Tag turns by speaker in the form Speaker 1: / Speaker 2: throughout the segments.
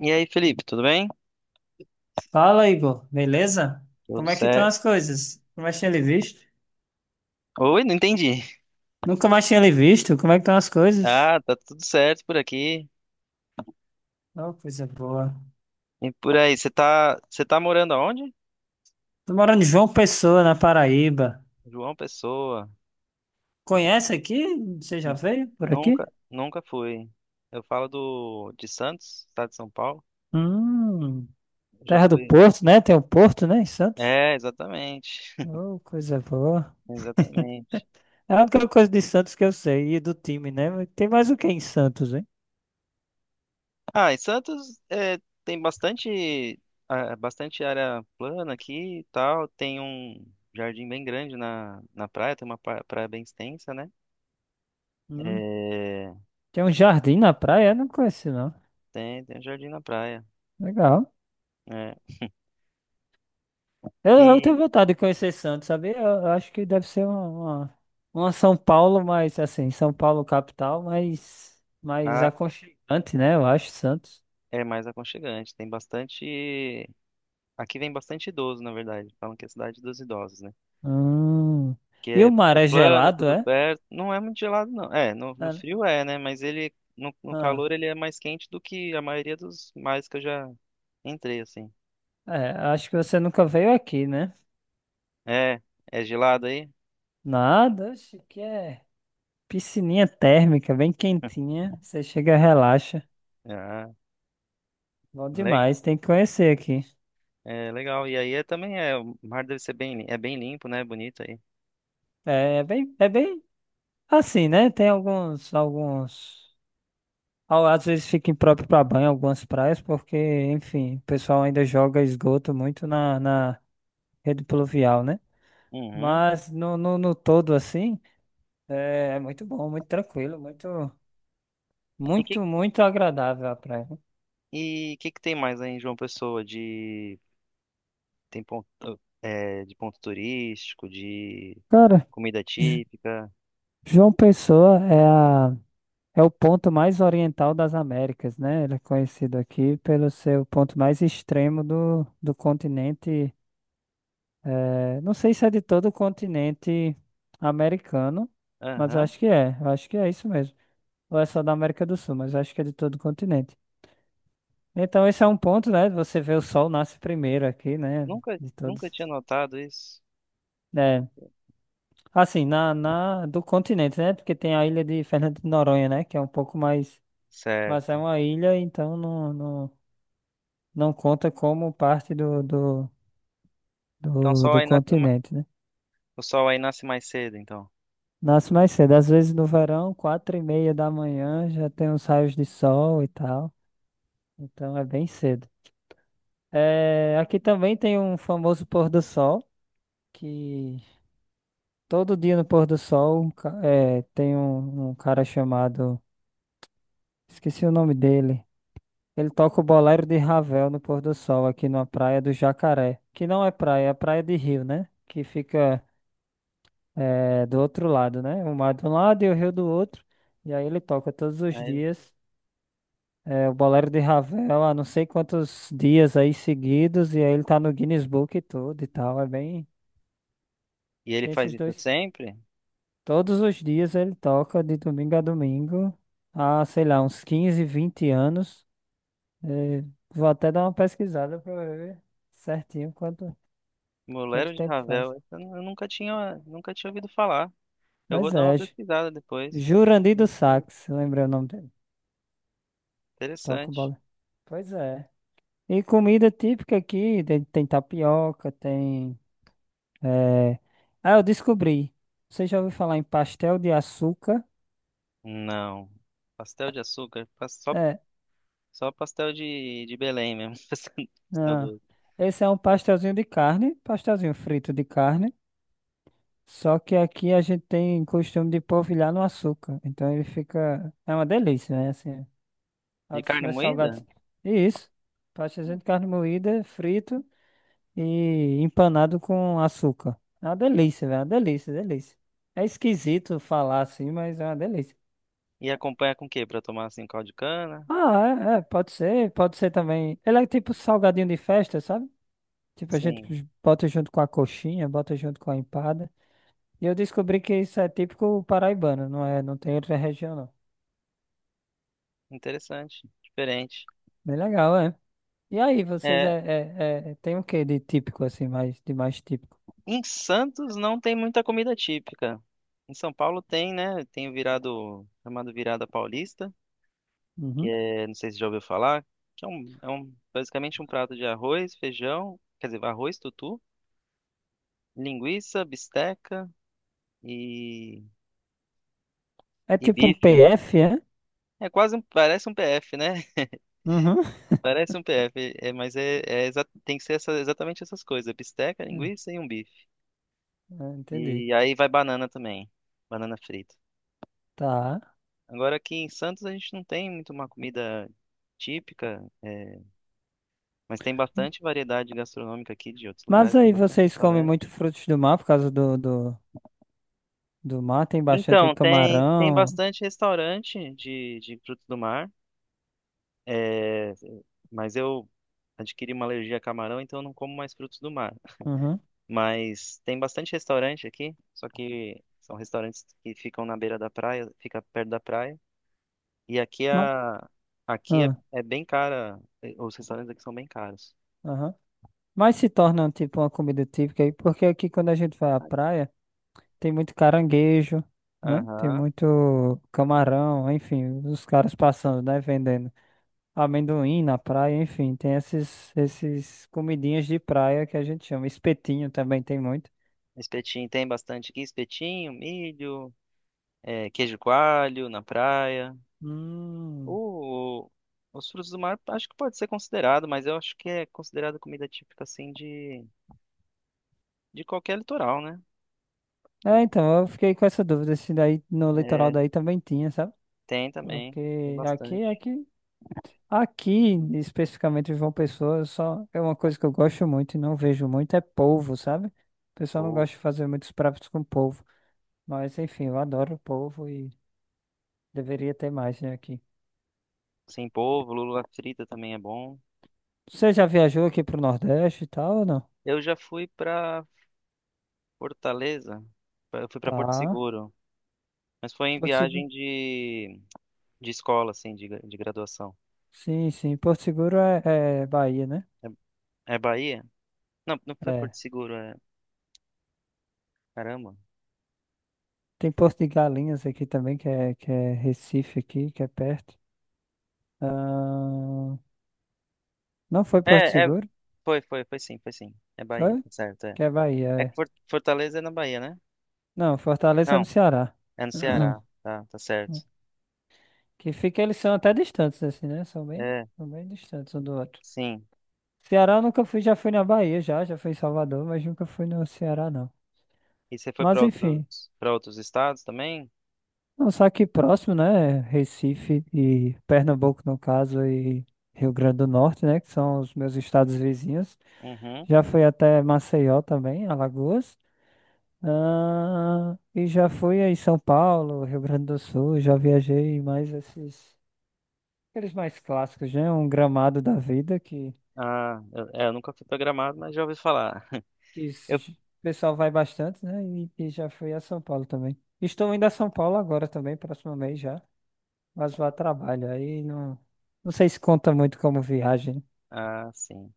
Speaker 1: E aí, Felipe, tudo bem?
Speaker 2: Fala, Igor, beleza?
Speaker 1: Tudo
Speaker 2: Como é que estão
Speaker 1: certo.
Speaker 2: as coisas? Nunca mais tinha lhe visto?
Speaker 1: Oi, não entendi.
Speaker 2: Nunca mais tinha lhe visto? Como é que estão as coisas?
Speaker 1: Ah, tá tudo certo por aqui.
Speaker 2: Oh, coisa boa.
Speaker 1: E por aí, você tá morando aonde?
Speaker 2: Tô morando em João Pessoa, na Paraíba.
Speaker 1: João Pessoa.
Speaker 2: Conhece aqui? Você já veio por aqui?
Speaker 1: Nunca fui. Eu falo do de Santos, estado de São Paulo.
Speaker 2: Hum,
Speaker 1: Eu já
Speaker 2: Terra do
Speaker 1: fui.
Speaker 2: Porto, né? Tem o Porto, né, em Santos?
Speaker 1: É, exatamente.
Speaker 2: Oh, coisa boa.
Speaker 1: Exatamente.
Speaker 2: É a única coisa de Santos que eu sei, e do time, né? Mas tem mais o que em Santos, hein?
Speaker 1: Ah, em Santos é, tem bastante, ah, bastante área plana aqui e tal. Tem um jardim bem grande na praia, tem uma praia bem extensa, né?
Speaker 2: Hum,
Speaker 1: É,
Speaker 2: Tem um jardim na praia? Eu não conheço, não.
Speaker 1: tem um jardim na praia.
Speaker 2: Legal.
Speaker 1: É.
Speaker 2: Eu tenho
Speaker 1: E
Speaker 2: vontade de conhecer Santos, sabe? Eu acho que deve ser uma São Paulo, mas assim, São Paulo capital, mas mais
Speaker 1: a,
Speaker 2: aconchegante, né? Eu acho, Santos.
Speaker 1: é mais aconchegante. Tem bastante. Aqui vem bastante idoso, na verdade. Falam que é a cidade dos idosos, né?
Speaker 2: Hum. E o
Speaker 1: Que é,
Speaker 2: mar
Speaker 1: é
Speaker 2: é
Speaker 1: plano, é
Speaker 2: gelado,
Speaker 1: tudo
Speaker 2: é?
Speaker 1: perto. Não é muito gelado, não. É, no
Speaker 2: Ah,
Speaker 1: frio é, né? Mas ele, no
Speaker 2: ah.
Speaker 1: calor, ele é mais quente do que a maioria dos mares que eu já entrei, assim.
Speaker 2: É, acho que você nunca veio aqui, né?
Speaker 1: É, é gelado aí?
Speaker 2: Nada, acho que é piscininha térmica, bem quentinha. Você chega, relaxa.
Speaker 1: Ah,
Speaker 2: Bom
Speaker 1: le-
Speaker 2: demais, tem que conhecer aqui.
Speaker 1: é legal. E aí é, também é. O mar deve ser bem, é bem limpo, né? Bonito aí.
Speaker 2: É bem, é bem assim, né? Tem alguns. Às vezes fica impróprio para banho algumas praias, porque, enfim, o pessoal ainda joga esgoto muito na rede pluvial, né?
Speaker 1: Uhum.
Speaker 2: Mas no todo, assim, é muito bom, muito tranquilo, muito, muito, muito agradável a praia.
Speaker 1: E o que que tem mais aí em João Pessoa de tem ponto é, de ponto turístico, de
Speaker 2: Cara,
Speaker 1: comida
Speaker 2: J-
Speaker 1: típica?
Speaker 2: João Pessoa é a, é o ponto mais oriental das Américas, né? Ele é conhecido aqui pelo seu ponto mais extremo do continente. É, não sei se é de todo o continente americano, mas
Speaker 1: Aham.
Speaker 2: acho que é. Acho que é isso mesmo. Ou é só da América do Sul, mas acho que é de todo o continente. Então, esse é um ponto, né? Você vê, o sol nasce primeiro aqui, né?
Speaker 1: Nunca
Speaker 2: De todos.
Speaker 1: nunca tinha notado isso.
Speaker 2: Né? Assim, na do continente, né? Porque tem a ilha de Fernando de Noronha, né? Que é um pouco mais. Mas é
Speaker 1: Sério.
Speaker 2: uma ilha, então não conta como parte do, do,
Speaker 1: Então o
Speaker 2: do,
Speaker 1: sol
Speaker 2: do
Speaker 1: aí nasce,
Speaker 2: continente, né?
Speaker 1: o sol aí nasce mais cedo, então.
Speaker 2: Nasce mais cedo, às vezes no verão, 4:30 da manhã, já tem uns raios de sol e tal. Então é bem cedo. É, aqui também tem um famoso pôr do sol, que todo dia no pôr do sol é, tem um cara chamado. Esqueci o nome dele. Ele toca o bolero de Ravel no pôr do sol, aqui na praia do Jacaré. Que não é praia, é praia de rio, né? Que fica é, do outro lado, né? O mar de um lado e o rio do outro. E aí ele toca todos os
Speaker 1: Aí-
Speaker 2: dias. É, o Bolero de Ravel há não sei quantos dias aí seguidos, e aí ele tá no Guinness Book e tudo e tal. É bem.
Speaker 1: e ele
Speaker 2: Tem
Speaker 1: faz
Speaker 2: esses
Speaker 1: isso
Speaker 2: dois.
Speaker 1: sempre?
Speaker 2: Todos os dias ele toca, de domingo a domingo, há, sei lá, uns 15, 20 anos. É, vou até dar uma pesquisada pra ver certinho quanto
Speaker 1: Bolero de
Speaker 2: tempo faz.
Speaker 1: Ravel, essa eu nunca tinha ouvido falar. Eu vou
Speaker 2: Mas
Speaker 1: dar uma
Speaker 2: é,
Speaker 1: pesquisada depois.
Speaker 2: Jurandir do Sax, lembrei o nome dele. Toca o
Speaker 1: Interessante.
Speaker 2: Bolero. Pois é. E comida típica aqui, tem tapioca, tem. É... Ah, eu descobri. Você já ouviu falar em pastel de açúcar?
Speaker 1: Não. Pastel de açúcar, só
Speaker 2: É,
Speaker 1: só pastel de Belém mesmo. Pastel
Speaker 2: não.
Speaker 1: do-
Speaker 2: Esse é um pastelzinho de carne, pastelzinho frito de carne. Só que aqui a gente tem costume de polvilhar no açúcar. Então ele fica. É uma delícia, né? Assim, é um
Speaker 1: de
Speaker 2: dos
Speaker 1: carne
Speaker 2: meus
Speaker 1: moída?
Speaker 2: salgados. E isso. Pastelzinho de carne moída, frito e empanado com açúcar. É uma delícia, velho. É uma delícia, delícia. É esquisito falar assim, mas é uma delícia.
Speaker 1: E acompanha com o quê? Pra tomar assim, caldo de cana?
Speaker 2: Ah, pode ser também. Ele é tipo salgadinho de festa, sabe? Tipo, a gente
Speaker 1: Sim,
Speaker 2: bota junto com a coxinha, bota junto com a empada. E eu descobri que isso é típico paraibano, não é? Não tem outra região, não.
Speaker 1: interessante, diferente.
Speaker 2: Bem legal, é. E aí, vocês
Speaker 1: É,
Speaker 2: tem o que de típico, assim, mais, de mais típico?
Speaker 1: em Santos não tem muita comida típica. Em São Paulo tem, né? Tem o virado, chamado virada paulista, que
Speaker 2: Uhum.
Speaker 1: é, não sei se já ouviu falar, que é um, basicamente um prato de arroz, feijão, quer dizer, arroz, tutu, linguiça, bisteca e,
Speaker 2: É
Speaker 1: e
Speaker 2: tipo um
Speaker 1: bife.
Speaker 2: PF, é?
Speaker 1: É quase um, parece um PF, né?
Speaker 2: Uhum.
Speaker 1: Parece um PF, é, mas é, tem que ser exatamente essas coisas: bisteca,
Speaker 2: É,
Speaker 1: linguiça e um bife.
Speaker 2: entendi.
Speaker 1: E aí vai banana também, banana frita.
Speaker 2: Tá.
Speaker 1: Agora aqui em Santos a gente não tem muito uma comida típica, é, mas tem bastante variedade gastronômica aqui de outros
Speaker 2: Mas
Speaker 1: lugares, tem
Speaker 2: aí
Speaker 1: bastante
Speaker 2: vocês comem
Speaker 1: restaurante.
Speaker 2: muito frutos do mar por causa do do mar, tem bastante aí
Speaker 1: Então, tem
Speaker 2: camarão.
Speaker 1: bastante restaurante de frutos do mar, é, mas eu adquiri uma alergia a camarão, então eu não como mais frutos do mar.
Speaker 2: Uhum.
Speaker 1: Mas tem bastante restaurante aqui, só que são restaurantes que ficam na beira da praia, fica perto da praia. E aqui
Speaker 2: Ma-
Speaker 1: a aqui é,
Speaker 2: ah.
Speaker 1: é bem cara, eh, os restaurantes aqui são bem caros.
Speaker 2: Aham. Mas se torna tipo uma comida típica aí, porque aqui quando a gente vai à praia, tem muito caranguejo, né? Tem
Speaker 1: Aham.
Speaker 2: muito camarão, enfim, os caras passando, né? Vendendo amendoim na praia, enfim, tem esses comidinhas de praia que a gente chama. Espetinho também tem muito.
Speaker 1: Espetinho tem bastante aqui, espetinho, milho, é, queijo coalho na praia.
Speaker 2: Hum.
Speaker 1: O, os frutos do mar acho que pode ser considerado, mas eu acho que é considerado comida típica assim de qualquer litoral, né?
Speaker 2: É, então, eu fiquei com essa dúvida se daí no litoral
Speaker 1: É,
Speaker 2: daí também tinha, sabe?
Speaker 1: tem também, tem
Speaker 2: Porque aqui,
Speaker 1: bastante.
Speaker 2: aqui, aqui, especificamente em João Pessoa, só é uma coisa que eu gosto muito e não vejo muito, é polvo, sabe? O pessoal não
Speaker 1: Boa.
Speaker 2: gosta de fazer muitos pratos com polvo. Mas, enfim, eu adoro polvo e deveria ter mais, né, aqui.
Speaker 1: Sem polvo, lula frita também é bom.
Speaker 2: Você já viajou aqui pro Nordeste e tal, ou não?
Speaker 1: Eu já fui pra Fortaleza, eu fui pra Porto
Speaker 2: Tá.
Speaker 1: Seguro, mas foi em
Speaker 2: Porto Seguro.
Speaker 1: viagem de escola, assim, de, de graduação.
Speaker 2: Sim, sim. Porto Seguro é Bahia, né?
Speaker 1: É, é Bahia? Não, não foi
Speaker 2: É.
Speaker 1: Porto Seguro, é. Caramba.
Speaker 2: Tem Porto de Galinhas aqui também, que é Recife aqui, que é perto. Ah, não foi Porto
Speaker 1: É, é,
Speaker 2: Seguro?
Speaker 1: foi sim. É Bahia,
Speaker 2: Foi?
Speaker 1: tá certo, é.
Speaker 2: Que é Bahia,
Speaker 1: É que
Speaker 2: é.
Speaker 1: Fortaleza é na Bahia, né?
Speaker 2: Não, Fortaleza é no
Speaker 1: Não,
Speaker 2: Ceará.
Speaker 1: é no Ceará, tá, tá certo.
Speaker 2: Que fica, eles são até distantes, assim, né? São bem,
Speaker 1: É,
Speaker 2: são bem distantes um do outro.
Speaker 1: sim.
Speaker 2: Ceará eu nunca fui, já fui na Bahia, já fui em Salvador, mas nunca fui no Ceará, não.
Speaker 1: E você foi pra
Speaker 2: Mas enfim,
Speaker 1: outros, para outros estados também?
Speaker 2: não, só aqui próximo, né? Recife e Pernambuco, no caso, e Rio Grande do Norte, né? Que são os meus estados vizinhos.
Speaker 1: Uhum.
Speaker 2: Já fui até Maceió também, Alagoas. Ah, e já fui aí em São Paulo, Rio Grande do Sul, já viajei mais esses. Aqueles mais clássicos, né? Um gramado da vida
Speaker 1: Ah, eu, é, eu nunca fui pra Gramado, mas já ouvi falar.
Speaker 2: o pessoal vai bastante, né? E já fui a São Paulo também. Estou indo a São Paulo agora também, próximo mês já. Mas vou a trabalho. Aí não, não sei se conta muito como viagem.
Speaker 1: Ah, sim.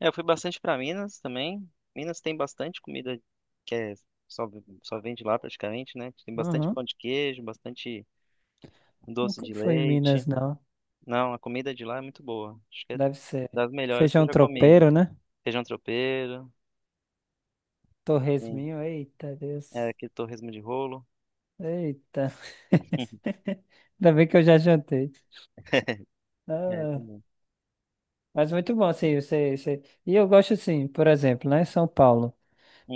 Speaker 1: É, eu fui bastante para Minas também. Minas tem bastante comida que é só, só vende lá praticamente, né? Tem bastante
Speaker 2: Uhum.
Speaker 1: pão de queijo, bastante doce
Speaker 2: Nunca
Speaker 1: de
Speaker 2: fui em
Speaker 1: leite.
Speaker 2: Minas, não.
Speaker 1: Não, a comida de lá é muito boa. Acho que é
Speaker 2: Deve ser
Speaker 1: das melhores que eu
Speaker 2: feijão
Speaker 1: já comi.
Speaker 2: tropeiro, né?
Speaker 1: Feijão tropeiro, sim.
Speaker 2: Torresminho. Eita,
Speaker 1: É,
Speaker 2: Deus.
Speaker 1: aquele torresmo de rolo.
Speaker 2: Eita. Ainda bem que eu já jantei.
Speaker 1: É,
Speaker 2: Ah,
Speaker 1: também.
Speaker 2: mas muito bom, assim, você... E eu gosto, assim, por exemplo, né? São Paulo.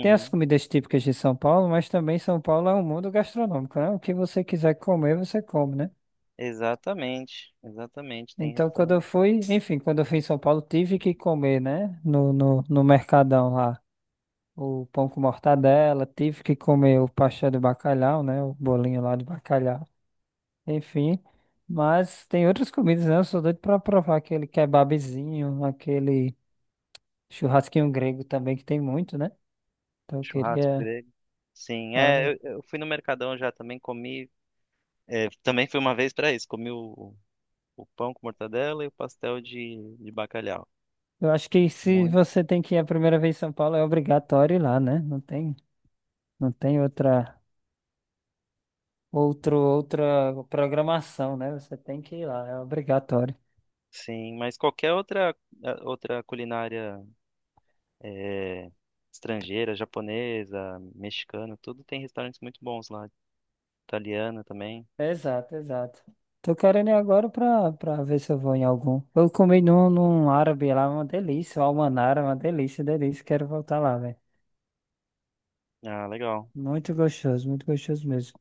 Speaker 2: Tem as comidas típicas de São Paulo, mas também São Paulo é um mundo gastronômico, né? O que você quiser comer, você come, né?
Speaker 1: Exatamente, exatamente. Tem
Speaker 2: Então, quando eu
Speaker 1: restaurante,
Speaker 2: fui, enfim, quando eu fui em São Paulo, tive que comer, né? No Mercadão lá, o pão com mortadela, tive que comer o pastel de bacalhau, né? O bolinho lá de bacalhau, enfim. Mas tem outras comidas, né? Eu sou doido pra provar aquele kebabzinho, aquele churrasquinho grego também, que tem muito, né? Então, eu
Speaker 1: churrasco
Speaker 2: queria,
Speaker 1: grego. Sim, é,
Speaker 2: cara.
Speaker 1: eu fui no Mercadão já também, comi. É, também fui uma vez para isso, comi o pão com mortadela e o pastel de bacalhau.
Speaker 2: Eu acho que se
Speaker 1: Muito,
Speaker 2: você tem que ir a primeira vez em São Paulo, é obrigatório ir lá, né? Não tem outra, outro, outra programação, né? Você tem que ir lá, é obrigatório.
Speaker 1: sim, mas qualquer outra, eh, outra culinária eh, estrangeira, japonesa, mexicana, tudo tem restaurantes muito bons lá. Italiana também.
Speaker 2: Exato, exato. Tô querendo ir agora pra ver se eu vou em algum. Eu comi num árabe lá, uma delícia, o almanara, uma delícia, delícia. Quero voltar lá, velho.
Speaker 1: Ah, legal.
Speaker 2: Muito gostoso mesmo.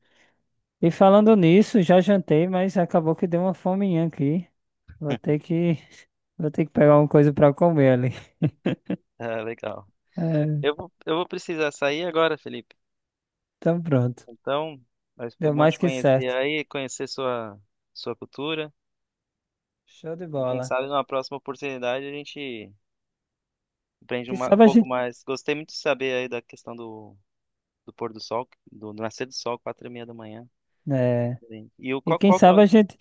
Speaker 2: E falando nisso, já jantei, mas acabou que deu uma fominha aqui. Vou ter que, vou ter que pegar alguma coisa pra comer ali.
Speaker 1: Ah, legal. Eu vou precisar sair agora, Felipe.
Speaker 2: Então pronto.
Speaker 1: Então, mas foi
Speaker 2: Deu
Speaker 1: bom
Speaker 2: mais
Speaker 1: te
Speaker 2: que
Speaker 1: conhecer
Speaker 2: certo.
Speaker 1: aí, conhecer sua, sua cultura.
Speaker 2: Show de
Speaker 1: E quem
Speaker 2: bola.
Speaker 1: sabe numa próxima oportunidade a gente aprende
Speaker 2: Quem
Speaker 1: um
Speaker 2: sabe a
Speaker 1: pouco
Speaker 2: gente.
Speaker 1: mais. Gostei muito de saber aí da questão do do pôr do sol, do do nascer do sol, 4:30 da manhã. É
Speaker 2: É.
Speaker 1: diferente. E o
Speaker 2: E
Speaker 1: qual,
Speaker 2: quem
Speaker 1: qual que é
Speaker 2: sabe a
Speaker 1: o...
Speaker 2: gente.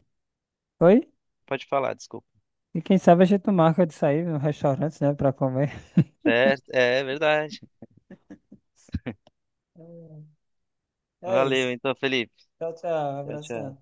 Speaker 2: Oi?
Speaker 1: Pode falar, desculpa.
Speaker 2: E quem sabe a gente não marca de sair no restaurante, né? Pra comer.
Speaker 1: Certo, é verdade.
Speaker 2: É é
Speaker 1: Valeu,
Speaker 2: isso.
Speaker 1: então, Felipe.
Speaker 2: Tchau, tchau.
Speaker 1: Tchau,
Speaker 2: Abração.
Speaker 1: tchau.